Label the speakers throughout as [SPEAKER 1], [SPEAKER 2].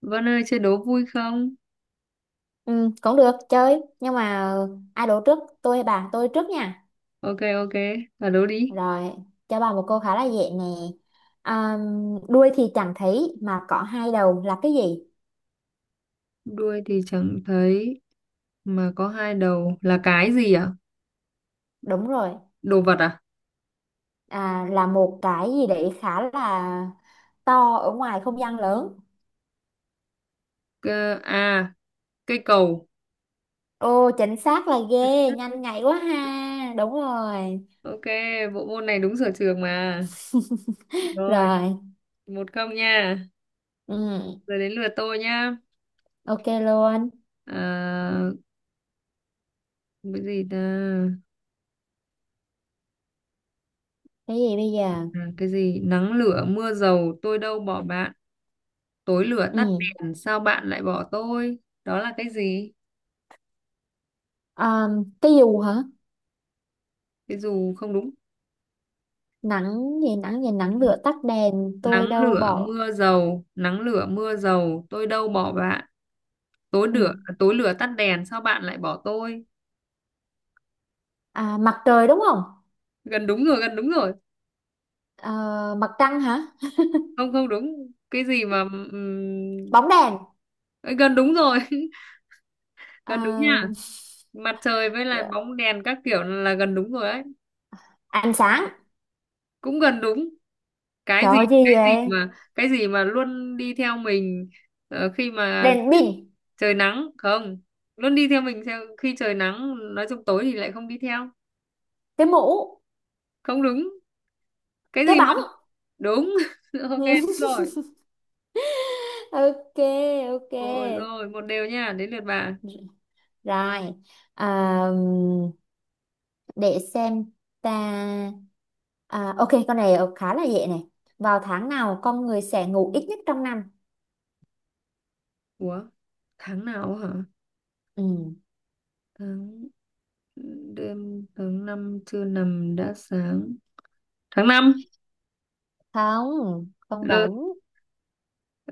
[SPEAKER 1] Vân ơi chơi đố vui không?
[SPEAKER 2] Ừ, cũng được chơi nhưng mà ai đổ trước tôi hay bà tôi trước nha.
[SPEAKER 1] Ok ok, là đố đi.
[SPEAKER 2] Rồi, cho bà một câu khá là dễ nè. À, đuôi thì chẳng thấy mà có hai đầu là cái gì?
[SPEAKER 1] Đuôi thì chẳng thấy mà có hai đầu là cái gì ạ?
[SPEAKER 2] Đúng rồi.
[SPEAKER 1] Đồ vật à?
[SPEAKER 2] À, là một cái gì đấy khá là to ở ngoài không gian lớn.
[SPEAKER 1] Cơ, à, cây cầu.
[SPEAKER 2] Ô, chính xác, là ghê, nhanh nhạy quá ha, đúng rồi.
[SPEAKER 1] Ok, bộ môn này đúng sở trường mà. Rồi,
[SPEAKER 2] Rồi.
[SPEAKER 1] 1-0 nha.
[SPEAKER 2] Ừ,
[SPEAKER 1] Giờ đến lượt tôi nha.
[SPEAKER 2] ok luôn.
[SPEAKER 1] À, cái gì ta?
[SPEAKER 2] Cái gì bây giờ?
[SPEAKER 1] À, cái gì? Nắng lửa mưa dầu tôi đâu bỏ bạn. Tối lửa tắt
[SPEAKER 2] Ừ.
[SPEAKER 1] đèn sao bạn lại bỏ tôi? Đó là cái gì?
[SPEAKER 2] À, cái dù hả?
[SPEAKER 1] Cái dù không đúng.
[SPEAKER 2] Nắng gì, nắng gì, nắng lửa tắt đèn tôi
[SPEAKER 1] Nắng
[SPEAKER 2] đâu
[SPEAKER 1] lửa
[SPEAKER 2] bỏ.
[SPEAKER 1] mưa dầu, nắng lửa mưa dầu tôi đâu bỏ bạn,
[SPEAKER 2] Ừ.
[SPEAKER 1] tối lửa tắt đèn sao bạn lại bỏ tôi.
[SPEAKER 2] À, mặt trời đúng không?
[SPEAKER 1] Gần đúng rồi, gần đúng rồi.
[SPEAKER 2] Ờ, mặt trăng hả?
[SPEAKER 1] Không, không đúng. Cái gì mà
[SPEAKER 2] Bóng đèn,
[SPEAKER 1] ấy, gần đúng rồi. Gần đúng
[SPEAKER 2] à,
[SPEAKER 1] nha. Mặt trời với lại bóng đèn các kiểu là gần đúng rồi đấy.
[SPEAKER 2] ánh sáng.
[SPEAKER 1] Cũng gần đúng. cái
[SPEAKER 2] Trời
[SPEAKER 1] gì
[SPEAKER 2] ơi, gì vậy?
[SPEAKER 1] cái gì mà luôn đi theo mình. Ờ, khi mà
[SPEAKER 2] Đèn pin,
[SPEAKER 1] trời nắng không, luôn đi theo mình, theo khi trời nắng, nói chung tối thì lại không đi theo.
[SPEAKER 2] cái mũ,
[SPEAKER 1] Không đúng. Cái
[SPEAKER 2] cái
[SPEAKER 1] gì mà
[SPEAKER 2] bóng.
[SPEAKER 1] Đúng. Ok, đúng rồi.
[SPEAKER 2] Ok,
[SPEAKER 1] Rồi
[SPEAKER 2] ok.
[SPEAKER 1] rồi, một đều nha, đến lượt bà.
[SPEAKER 2] Rồi. À, để xem ta. À, ok, con này khá là dễ này. Vào tháng nào con người sẽ ngủ ít nhất trong năm?
[SPEAKER 1] Ủa tháng nào hả?
[SPEAKER 2] Ừ.
[SPEAKER 1] tháng Đêm tháng năm chưa nằm đã sáng. Tháng năm.
[SPEAKER 2] Không, không
[SPEAKER 1] Ừ.
[SPEAKER 2] đúng.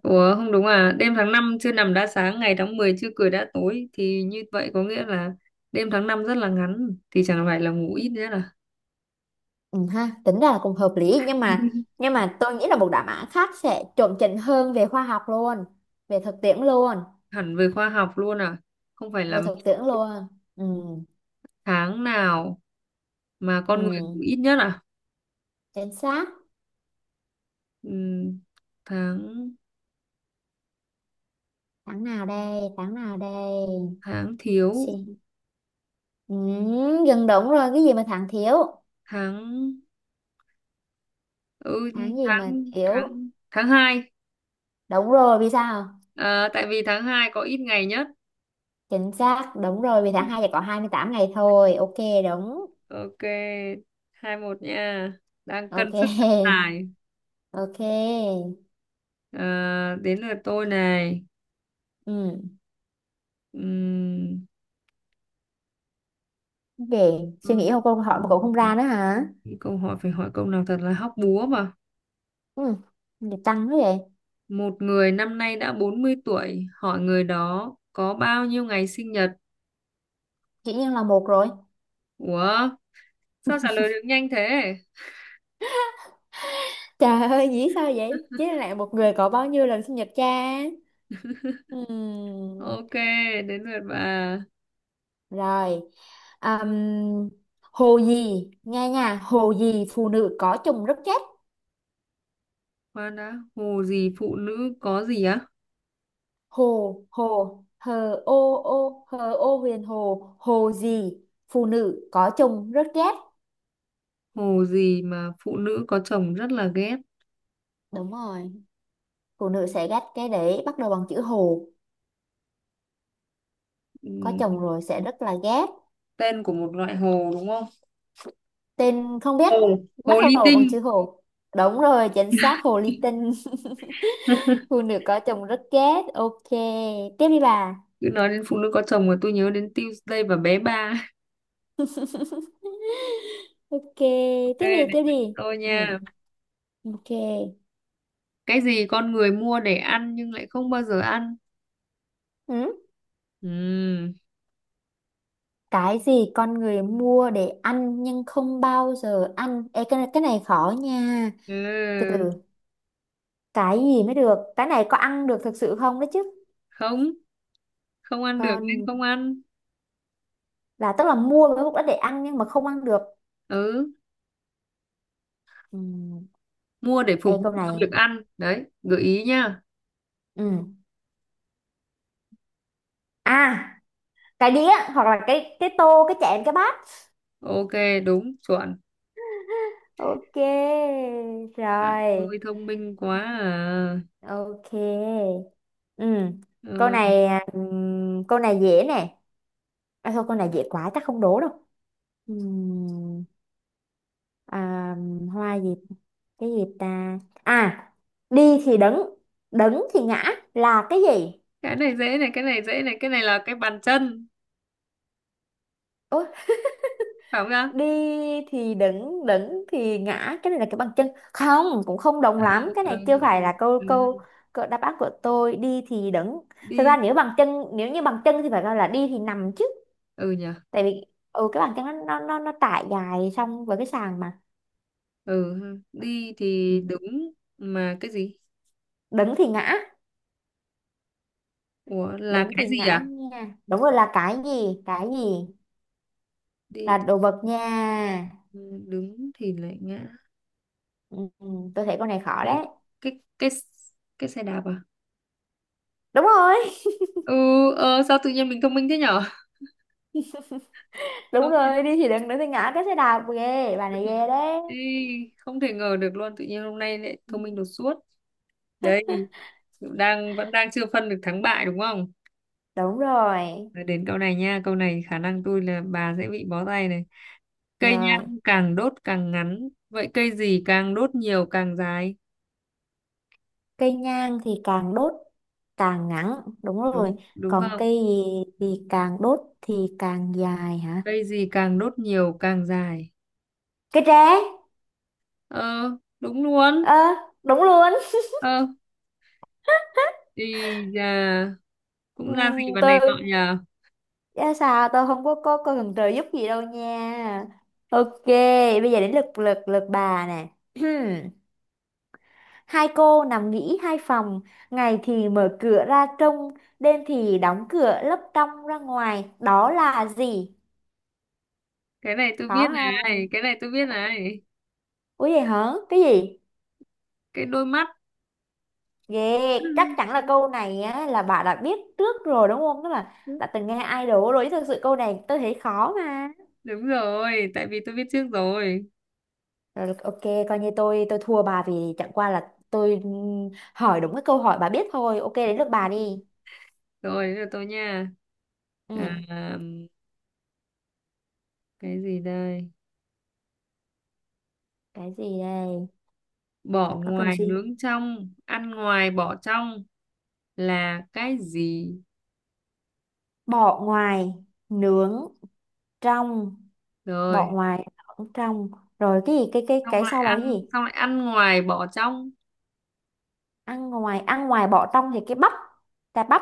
[SPEAKER 1] Ủa, không đúng à? Đêm tháng năm chưa nằm đã sáng, ngày tháng 10 chưa cười đã tối, thì như vậy có nghĩa là đêm tháng năm rất là ngắn, thì chẳng phải là ngủ ít nữa là.
[SPEAKER 2] Ừ, ha, tính ra là cũng hợp lý nhưng mà tôi nghĩ là một đáp án khác sẽ chuẩn chỉnh hơn về khoa học luôn, về thực tiễn luôn,
[SPEAKER 1] Hẳn về khoa học luôn à? Không phải
[SPEAKER 2] về
[SPEAKER 1] là
[SPEAKER 2] thực tiễn luôn. Ừ,
[SPEAKER 1] tháng nào mà con người
[SPEAKER 2] ừ,
[SPEAKER 1] ngủ ít nhất à?
[SPEAKER 2] chính xác.
[SPEAKER 1] Ừm, tháng
[SPEAKER 2] Tháng nào đây, tháng nào đây?
[SPEAKER 1] tháng thiếu.
[SPEAKER 2] Xin. Ừ, gần đúng rồi, cái gì mà tháng thiếu?
[SPEAKER 1] Tháng ừ,
[SPEAKER 2] Tháng gì mà
[SPEAKER 1] tháng
[SPEAKER 2] thiếu?
[SPEAKER 1] tháng tháng hai.
[SPEAKER 2] Đúng rồi, vì sao?
[SPEAKER 1] À, tại vì tháng hai có ít ngày nhất.
[SPEAKER 2] Chính xác, đúng rồi, vì tháng 2 chỉ có 28 ngày thôi. Ok, đúng.
[SPEAKER 1] Ok, 2-1 nha, đang cân
[SPEAKER 2] Ok.
[SPEAKER 1] sức cân tài.
[SPEAKER 2] Ok.
[SPEAKER 1] À, đến lượt tôi này.
[SPEAKER 2] Ừ.
[SPEAKER 1] Ừm,
[SPEAKER 2] Để suy
[SPEAKER 1] ừm,
[SPEAKER 2] nghĩ không, câu hỏi mà cậu không ra nữa hả?
[SPEAKER 1] Câu hỏi phải hỏi câu nào thật là hóc búa mà.
[SPEAKER 2] Ừ, vậy tăng thế vậy.
[SPEAKER 1] Một người năm nay đã 40 tuổi, hỏi người đó có bao nhiêu ngày sinh nhật?
[SPEAKER 2] Dĩ nhiên là một rồi.
[SPEAKER 1] Ủa, sao trả lời được nhanh thế?
[SPEAKER 2] Trời ơi, dĩ sao vậy? Chứ lại một người có bao nhiêu lần sinh nhật cha? Ừm.
[SPEAKER 1] Ok, đến lượt bà.
[SPEAKER 2] Rồi. Ừm, hồ gì? Nghe nha, hồ gì phụ nữ có chồng rất chết?
[SPEAKER 1] Khoan đã, hồ gì phụ nữ có gì á?
[SPEAKER 2] Hồ, hồ, hờ ô ô, hờ ô huyền hồ, hồ gì? Phụ nữ có chồng rất ghét.
[SPEAKER 1] Hồ gì mà phụ nữ có chồng rất là ghét?
[SPEAKER 2] Đúng rồi, phụ nữ sẽ ghét cái đấy bắt đầu bằng chữ hồ. Có chồng
[SPEAKER 1] Ừm,
[SPEAKER 2] rồi sẽ rất là ghét.
[SPEAKER 1] Tên của một loại hồ đúng không?
[SPEAKER 2] Tên không biết,
[SPEAKER 1] Hồ.
[SPEAKER 2] bắt
[SPEAKER 1] Hồ ly
[SPEAKER 2] đầu bằng
[SPEAKER 1] tinh.
[SPEAKER 2] chữ hồ. Đúng rồi, chính xác hồ ly tinh. Phụ nữ có chồng rất ghét. Ok, tiếp đi bà.
[SPEAKER 1] Cứ nói đến phụ nữ có chồng mà tôi nhớ đến Tuesday và bé ba.
[SPEAKER 2] Ok,
[SPEAKER 1] Ok,
[SPEAKER 2] tiếp đi,
[SPEAKER 1] đến
[SPEAKER 2] tiếp
[SPEAKER 1] lượt
[SPEAKER 2] đi.
[SPEAKER 1] tôi
[SPEAKER 2] Ừ,
[SPEAKER 1] nha.
[SPEAKER 2] ok.
[SPEAKER 1] Cái gì con người mua để ăn nhưng lại không bao giờ ăn?
[SPEAKER 2] Ừ.
[SPEAKER 1] Ừm.
[SPEAKER 2] Cái gì con người mua để ăn nhưng không bao giờ ăn? Ê, cái này khó nha. Từ
[SPEAKER 1] Ừ.
[SPEAKER 2] từ, cái gì mới được? Cái này có ăn được thực sự không đấy chứ?
[SPEAKER 1] Không, không ăn được
[SPEAKER 2] Còn
[SPEAKER 1] nên không ăn.
[SPEAKER 2] là tức là mua với mục đích để ăn nhưng mà không ăn được.
[SPEAKER 1] Ừ,
[SPEAKER 2] Ừ.
[SPEAKER 1] mua để
[SPEAKER 2] Ê,
[SPEAKER 1] phục vụ
[SPEAKER 2] câu
[SPEAKER 1] cho
[SPEAKER 2] này.
[SPEAKER 1] việc ăn. Đấy, gợi ý nha.
[SPEAKER 2] Ừ. À, cái đĩa hoặc là cái tô, cái chén, cái bát.
[SPEAKER 1] Ok, đúng, chuẩn.
[SPEAKER 2] Ok. Rồi.
[SPEAKER 1] Ôi thông minh quá à.
[SPEAKER 2] Ok. Ừ. Câu
[SPEAKER 1] Ờ,
[SPEAKER 2] này à, câu này dễ nè. À, thôi câu này dễ quá chắc không đố đâu. Ừm, à, hoa gì, cái gì ta? À, đi thì đứng, đứng thì ngã là cái gì?
[SPEAKER 1] cái này dễ này, cái này dễ này, cái này là cái bàn chân,
[SPEAKER 2] Ôi,
[SPEAKER 1] phải không nhá?
[SPEAKER 2] đi thì đứng, đứng thì ngã, cái này là cái bằng chân. Không, cũng không đồng
[SPEAKER 1] À,
[SPEAKER 2] lắm, cái
[SPEAKER 1] ừ,
[SPEAKER 2] này chưa
[SPEAKER 1] ừ,
[SPEAKER 2] phải
[SPEAKER 1] ừ.
[SPEAKER 2] là câu câu,
[SPEAKER 1] Ừ.
[SPEAKER 2] câu đáp án của tôi. Đi thì đứng, thực ra
[SPEAKER 1] Đi,
[SPEAKER 2] nếu bằng chân, nếu như bằng chân thì phải gọi là đi thì nằm chứ.
[SPEAKER 1] ừ nhỉ,
[SPEAKER 2] Tại vì, ừ, cái bàn chân nó trải dài xong với cái sàn mà.
[SPEAKER 1] ừ, ha. Đi
[SPEAKER 2] Ừ.
[SPEAKER 1] thì đứng mà cái gì?
[SPEAKER 2] Đứng thì ngã,
[SPEAKER 1] Ủa, là
[SPEAKER 2] đứng
[SPEAKER 1] cái
[SPEAKER 2] thì
[SPEAKER 1] gì
[SPEAKER 2] ngã
[SPEAKER 1] à?
[SPEAKER 2] nha, đúng rồi, là cái gì? Cái gì, là
[SPEAKER 1] Đi
[SPEAKER 2] đồ vật nha.
[SPEAKER 1] thì đứng thì lại ngã.
[SPEAKER 2] Ừ, ừ, tôi thấy con này khó
[SPEAKER 1] Cái
[SPEAKER 2] đấy.
[SPEAKER 1] cái cái cái xe đạp à?
[SPEAKER 2] Đúng rồi.
[SPEAKER 1] Ừ, ờ, sao tự nhiên mình thông minh thế nhở?
[SPEAKER 2] Đúng
[SPEAKER 1] Không thể,
[SPEAKER 2] rồi, đi thì đứng, đứng thì ngã, cái xe đạp. Ghê, bà này ghê đấy.
[SPEAKER 1] đi, không thể ngờ được luôn, tự nhiên hôm nay lại thông minh đột xuất. Đấy, đang vẫn đang chưa phân được thắng bại đúng không?
[SPEAKER 2] Đúng rồi.
[SPEAKER 1] Nói đến câu này nha, câu này khả năng tôi là bà sẽ bị bó tay này. Cây
[SPEAKER 2] Rồi,
[SPEAKER 1] nhang càng đốt càng ngắn, vậy cây gì càng đốt nhiều càng dài?
[SPEAKER 2] cây nhang thì càng đốt càng ngắn, đúng rồi.
[SPEAKER 1] Đúng đúng
[SPEAKER 2] Còn
[SPEAKER 1] không?
[SPEAKER 2] cây gì thì càng đốt thì càng dài hả?
[SPEAKER 1] Cây gì càng đốt nhiều càng dài?
[SPEAKER 2] Cây tre.
[SPEAKER 1] Ờ, đúng luôn.
[SPEAKER 2] Ờ, đúng luôn.
[SPEAKER 1] Ờ, thì à, cũng ra gì mà
[SPEAKER 2] Tôi.
[SPEAKER 1] này nọ nhờ.
[SPEAKER 2] Dạ, sao tôi không có cần trợ giúp gì đâu nha. Ok, bây giờ đến lượt lượt lượt bà nè. Hai cô nằm nghỉ hai phòng, ngày thì mở cửa ra trông, đêm thì đóng cửa lấp trong ra ngoài. Đó là gì?
[SPEAKER 1] Cái này tôi
[SPEAKER 2] Có
[SPEAKER 1] biết
[SPEAKER 2] không?
[SPEAKER 1] này, cái này tôi biết này.
[SPEAKER 2] Ủa vậy hả? Cái gì?
[SPEAKER 1] Cái đôi mắt.
[SPEAKER 2] Ghê, chắc chắn là câu này á, là bà đã biết trước rồi đúng không? Tức là đã từng nghe idol rồi, chứ thực sự câu này tôi thấy khó mà.
[SPEAKER 1] Đúng rồi, tại vì tôi biết trước rồi.
[SPEAKER 2] Rồi ok, coi như tôi thua bà vì chẳng qua là tôi hỏi đúng cái câu hỏi bà biết thôi. Ok, đến lượt bà đi.
[SPEAKER 1] Rồi, bây giờ tôi nha.
[SPEAKER 2] Ừ,
[SPEAKER 1] À, cái gì đây?
[SPEAKER 2] cái gì đây?
[SPEAKER 1] Bỏ
[SPEAKER 2] Có cần
[SPEAKER 1] ngoài
[SPEAKER 2] gì?
[SPEAKER 1] nướng trong, ăn ngoài bỏ trong là cái gì?
[SPEAKER 2] Bỏ ngoài, nướng trong, bỏ
[SPEAKER 1] Rồi,
[SPEAKER 2] ngoài, nướng trong. Rồi cái gì? Cái cái
[SPEAKER 1] xong
[SPEAKER 2] cái
[SPEAKER 1] lại
[SPEAKER 2] sau là
[SPEAKER 1] ăn
[SPEAKER 2] cái gì?
[SPEAKER 1] xong lại ăn ngoài bỏ trong.
[SPEAKER 2] Ăn ngoài bỏ trong thì cái bắp, cà bắp.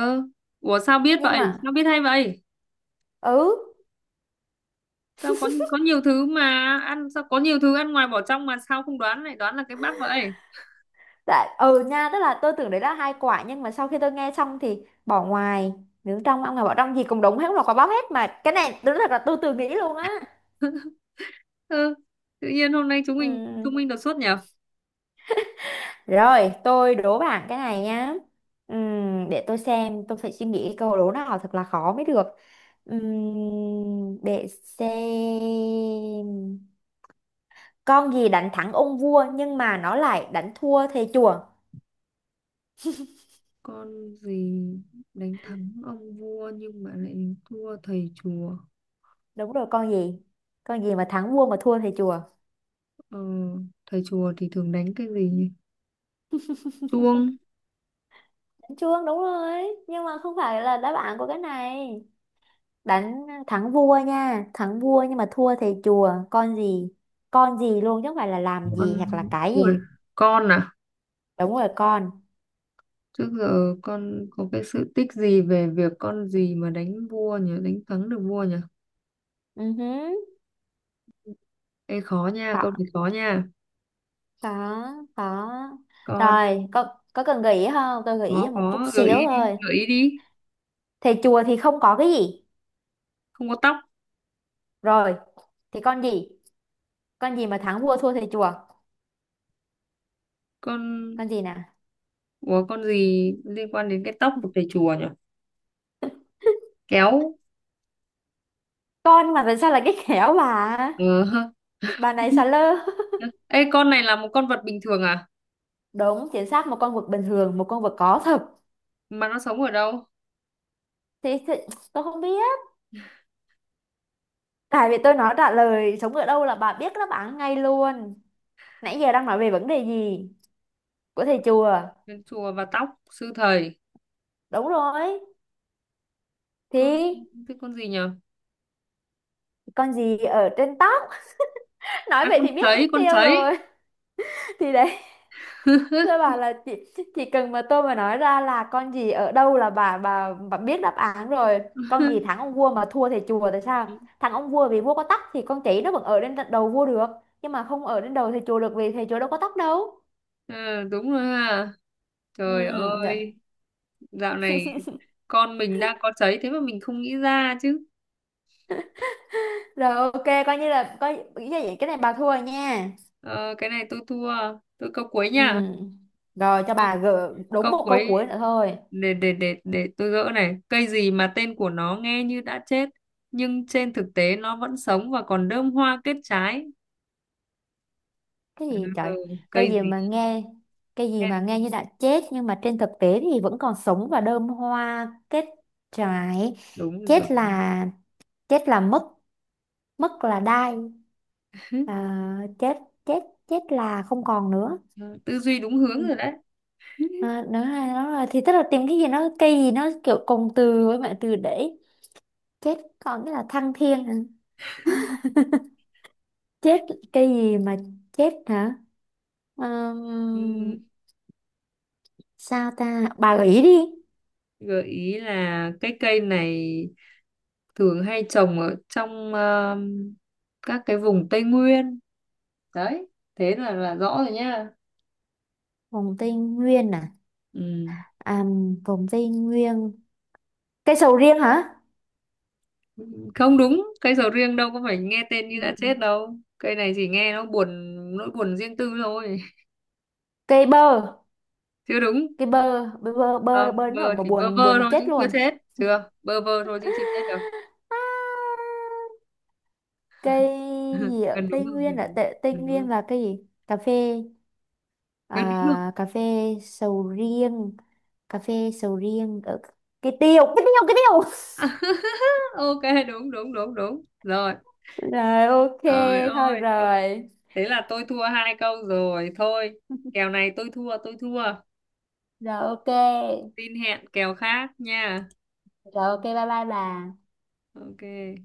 [SPEAKER 1] Ơ, ủa sao biết
[SPEAKER 2] Nhưng
[SPEAKER 1] vậy,
[SPEAKER 2] mà
[SPEAKER 1] sao biết hay vậy?
[SPEAKER 2] ừ.
[SPEAKER 1] Sao có nhiều thứ mà ăn, sao có nhiều thứ ăn ngoài bỏ trong mà sao không đoán lại đoán là cái bát vậy?
[SPEAKER 2] Tại, ừ nha, tức là tôi tưởng đấy là hai quả nhưng mà sau khi tôi nghe xong thì bỏ ngoài, nướng trong, ăn ngoài bỏ trong, gì cũng đúng hết, không là quả bóp hết mà, cái này đúng thật là tôi tự nghĩ luôn á.
[SPEAKER 1] Ơ, tự nhiên hôm nay chúng mình chúng
[SPEAKER 2] Ừm,
[SPEAKER 1] mình đột xuất nhở.
[SPEAKER 2] Rồi tôi đố bạn cái này nhá. Để tôi xem, tôi phải suy nghĩ câu đố nào thật là khó mới được. Để xem, con gì đánh thắng ông vua nhưng mà nó lại đánh thua thầy chùa?
[SPEAKER 1] Con gì đánh thắng ông vua nhưng mà lại thua thầy chùa?
[SPEAKER 2] Đúng rồi, con gì? Con gì mà thắng vua mà thua thầy chùa?
[SPEAKER 1] Ờ, thầy chùa thì thường đánh cái gì nhỉ? Chuông.
[SPEAKER 2] Chuông, đúng rồi nhưng mà không phải là đáp án của cái này. Đánh thắng vua nha, thắng vua nhưng mà thua thầy chùa, con gì? Con gì luôn chứ không phải là làm gì hoặc là
[SPEAKER 1] Con.
[SPEAKER 2] cái
[SPEAKER 1] Ui,
[SPEAKER 2] gì?
[SPEAKER 1] con à?
[SPEAKER 2] Đúng rồi, con.
[SPEAKER 1] Trước giờ con có cái sự tích gì về việc con gì mà đánh vua nhỉ, đánh thắng được vua nhỉ?
[SPEAKER 2] Ừ hứ.
[SPEAKER 1] Ê khó nha, câu
[SPEAKER 2] Có,
[SPEAKER 1] này khó nha.
[SPEAKER 2] có, có.
[SPEAKER 1] Con.
[SPEAKER 2] Rồi, có cần gợi ý không, tôi gợi ý là
[SPEAKER 1] Nó
[SPEAKER 2] một chút
[SPEAKER 1] có gợi
[SPEAKER 2] xíu
[SPEAKER 1] ý, đi
[SPEAKER 2] thôi.
[SPEAKER 1] gợi ý đi.
[SPEAKER 2] Thầy chùa thì không có cái gì?
[SPEAKER 1] Không có tóc.
[SPEAKER 2] Rồi, thì con gì? Con gì mà thắng vua thua thầy chùa?
[SPEAKER 1] Con.
[SPEAKER 2] Con gì nè?
[SPEAKER 1] Ủa con gì liên quan đến cái tóc của thầy chùa nhỉ? Kéo.
[SPEAKER 2] Con, mà tại sao là cái khéo bà?
[SPEAKER 1] Ờ hơ.
[SPEAKER 2] Bà này xà lơ.
[SPEAKER 1] Ê con này là một con vật bình thường à?
[SPEAKER 2] Đúng, chính xác một con vật bình thường, một con vật có thật.
[SPEAKER 1] Mà nó sống ở đâu?
[SPEAKER 2] Thì, tôi không biết. Tại vì tôi nói trả lời sống ở đâu là bà biết đáp án ngay luôn. Nãy giờ đang nói về vấn đề gì? Của thầy chùa.
[SPEAKER 1] Đến chùa và tóc sư thầy.
[SPEAKER 2] Đúng rồi.
[SPEAKER 1] Con,
[SPEAKER 2] Thì
[SPEAKER 1] cái con gì nhỉ?
[SPEAKER 2] con gì ở trên tóc? Nói
[SPEAKER 1] À
[SPEAKER 2] vậy
[SPEAKER 1] con
[SPEAKER 2] thì biết mất
[SPEAKER 1] sấy, con
[SPEAKER 2] tiêu
[SPEAKER 1] sấy.
[SPEAKER 2] rồi. Thì đấy. Thưa bà là chị chỉ cần mà tôi mà nói ra là con gì ở đâu là bà biết đáp án rồi. Con gì thắng ông vua mà thua thầy chùa, tại sao? Thắng ông vua vì vua có tóc thì con chỉ nó vẫn ở đến đầu vua được, nhưng mà không ở đến đầu thầy chùa được vì thầy chùa đâu có tóc đâu.
[SPEAKER 1] Ờ, đúng rồi ha. Trời
[SPEAKER 2] Ừ, dạ.
[SPEAKER 1] ơi, dạo này con mình đang có cháy thế mà mình không nghĩ ra chứ.
[SPEAKER 2] Rồi ok, coi như là coi ý là vậy, cái này bà thua rồi nha.
[SPEAKER 1] Ờ, cái này tôi thua, tôi câu cuối
[SPEAKER 2] Ừ.
[SPEAKER 1] nha.
[SPEAKER 2] Rồi cho
[SPEAKER 1] Câu,
[SPEAKER 2] bà gỡ đúng
[SPEAKER 1] câu
[SPEAKER 2] một câu
[SPEAKER 1] cuối,
[SPEAKER 2] cuối nữa thôi.
[SPEAKER 1] để tôi gỡ này. Cây gì mà tên của nó nghe như đã chết nhưng trên thực tế nó vẫn sống và còn đơm hoa kết trái.
[SPEAKER 2] Cái
[SPEAKER 1] Ừ,
[SPEAKER 2] gì trời? Cái
[SPEAKER 1] cây
[SPEAKER 2] gì
[SPEAKER 1] gì?
[SPEAKER 2] mà nghe, cái gì
[SPEAKER 1] Nhé?
[SPEAKER 2] mà nghe như đã chết nhưng mà trên thực tế thì vẫn còn sống và đơm hoa kết trái?
[SPEAKER 1] Đúng rồi.
[SPEAKER 2] Chết là chết là mất, mất là đai. À, chết, chết, chết là không còn nữa.
[SPEAKER 1] Tư duy đúng hướng
[SPEAKER 2] Ừ.
[SPEAKER 1] rồi đấy.
[SPEAKER 2] À, nữa là, nó là thì tức là tìm cái gì, nó cây gì, nó kiểu cùng từ với bạn từ để chết còn cái là thăng thiên hả? Chết, cây gì mà chết hả? Ừm,
[SPEAKER 1] Ừ,
[SPEAKER 2] Sao ta? Bà gợi ý đi.
[SPEAKER 1] gợi ý là cái cây này thường hay trồng ở trong ờ, các cái vùng Tây Nguyên đấy, thế là rõ rồi nhá.
[SPEAKER 2] Vùng Tây Nguyên à?
[SPEAKER 1] Ừ.
[SPEAKER 2] À, vùng Tây Nguyên. Cây sầu riêng hả?
[SPEAKER 1] Không đúng, cây sầu riêng đâu có phải nghe tên như
[SPEAKER 2] Ừ.
[SPEAKER 1] đã chết đâu, cây này chỉ nghe nó buồn, nỗi buồn riêng tư thôi.
[SPEAKER 2] Cây bơ.
[SPEAKER 1] Chưa đúng.
[SPEAKER 2] Cây bơ. Bơ, bơ, bơ,
[SPEAKER 1] Không,
[SPEAKER 2] bơ đến nỗi
[SPEAKER 1] bơ
[SPEAKER 2] mà
[SPEAKER 1] chỉ bơ
[SPEAKER 2] buồn,
[SPEAKER 1] vơ
[SPEAKER 2] buồn
[SPEAKER 1] thôi chứ
[SPEAKER 2] chết
[SPEAKER 1] chưa
[SPEAKER 2] luôn.
[SPEAKER 1] chết, chưa bơ vơ thôi chứ chưa chết đâu.
[SPEAKER 2] À, cây gì ạ?
[SPEAKER 1] Gần đúng rồi, gần đúng.
[SPEAKER 2] Tây
[SPEAKER 1] Gần đúng rồi,
[SPEAKER 2] Nguyên là cây gì? Cà phê.
[SPEAKER 1] gần đúng rồi.
[SPEAKER 2] À, cà phê sầu riêng. Cà phê sầu riêng. Ở... Cây tiêu. Cây tiêu, cây tiêu.
[SPEAKER 1] Ok, đúng đúng đúng đúng rồi.
[SPEAKER 2] Rồi, ok.
[SPEAKER 1] Trời
[SPEAKER 2] Thôi
[SPEAKER 1] ơi,
[SPEAKER 2] rồi.
[SPEAKER 1] thế là tôi thua 2 câu rồi thôi, kèo này tôi thua, tôi thua,
[SPEAKER 2] Rồi, ok.
[SPEAKER 1] tin hẹn kèo khác nha.
[SPEAKER 2] Rồi, ok. Bye bye bà.
[SPEAKER 1] Ok.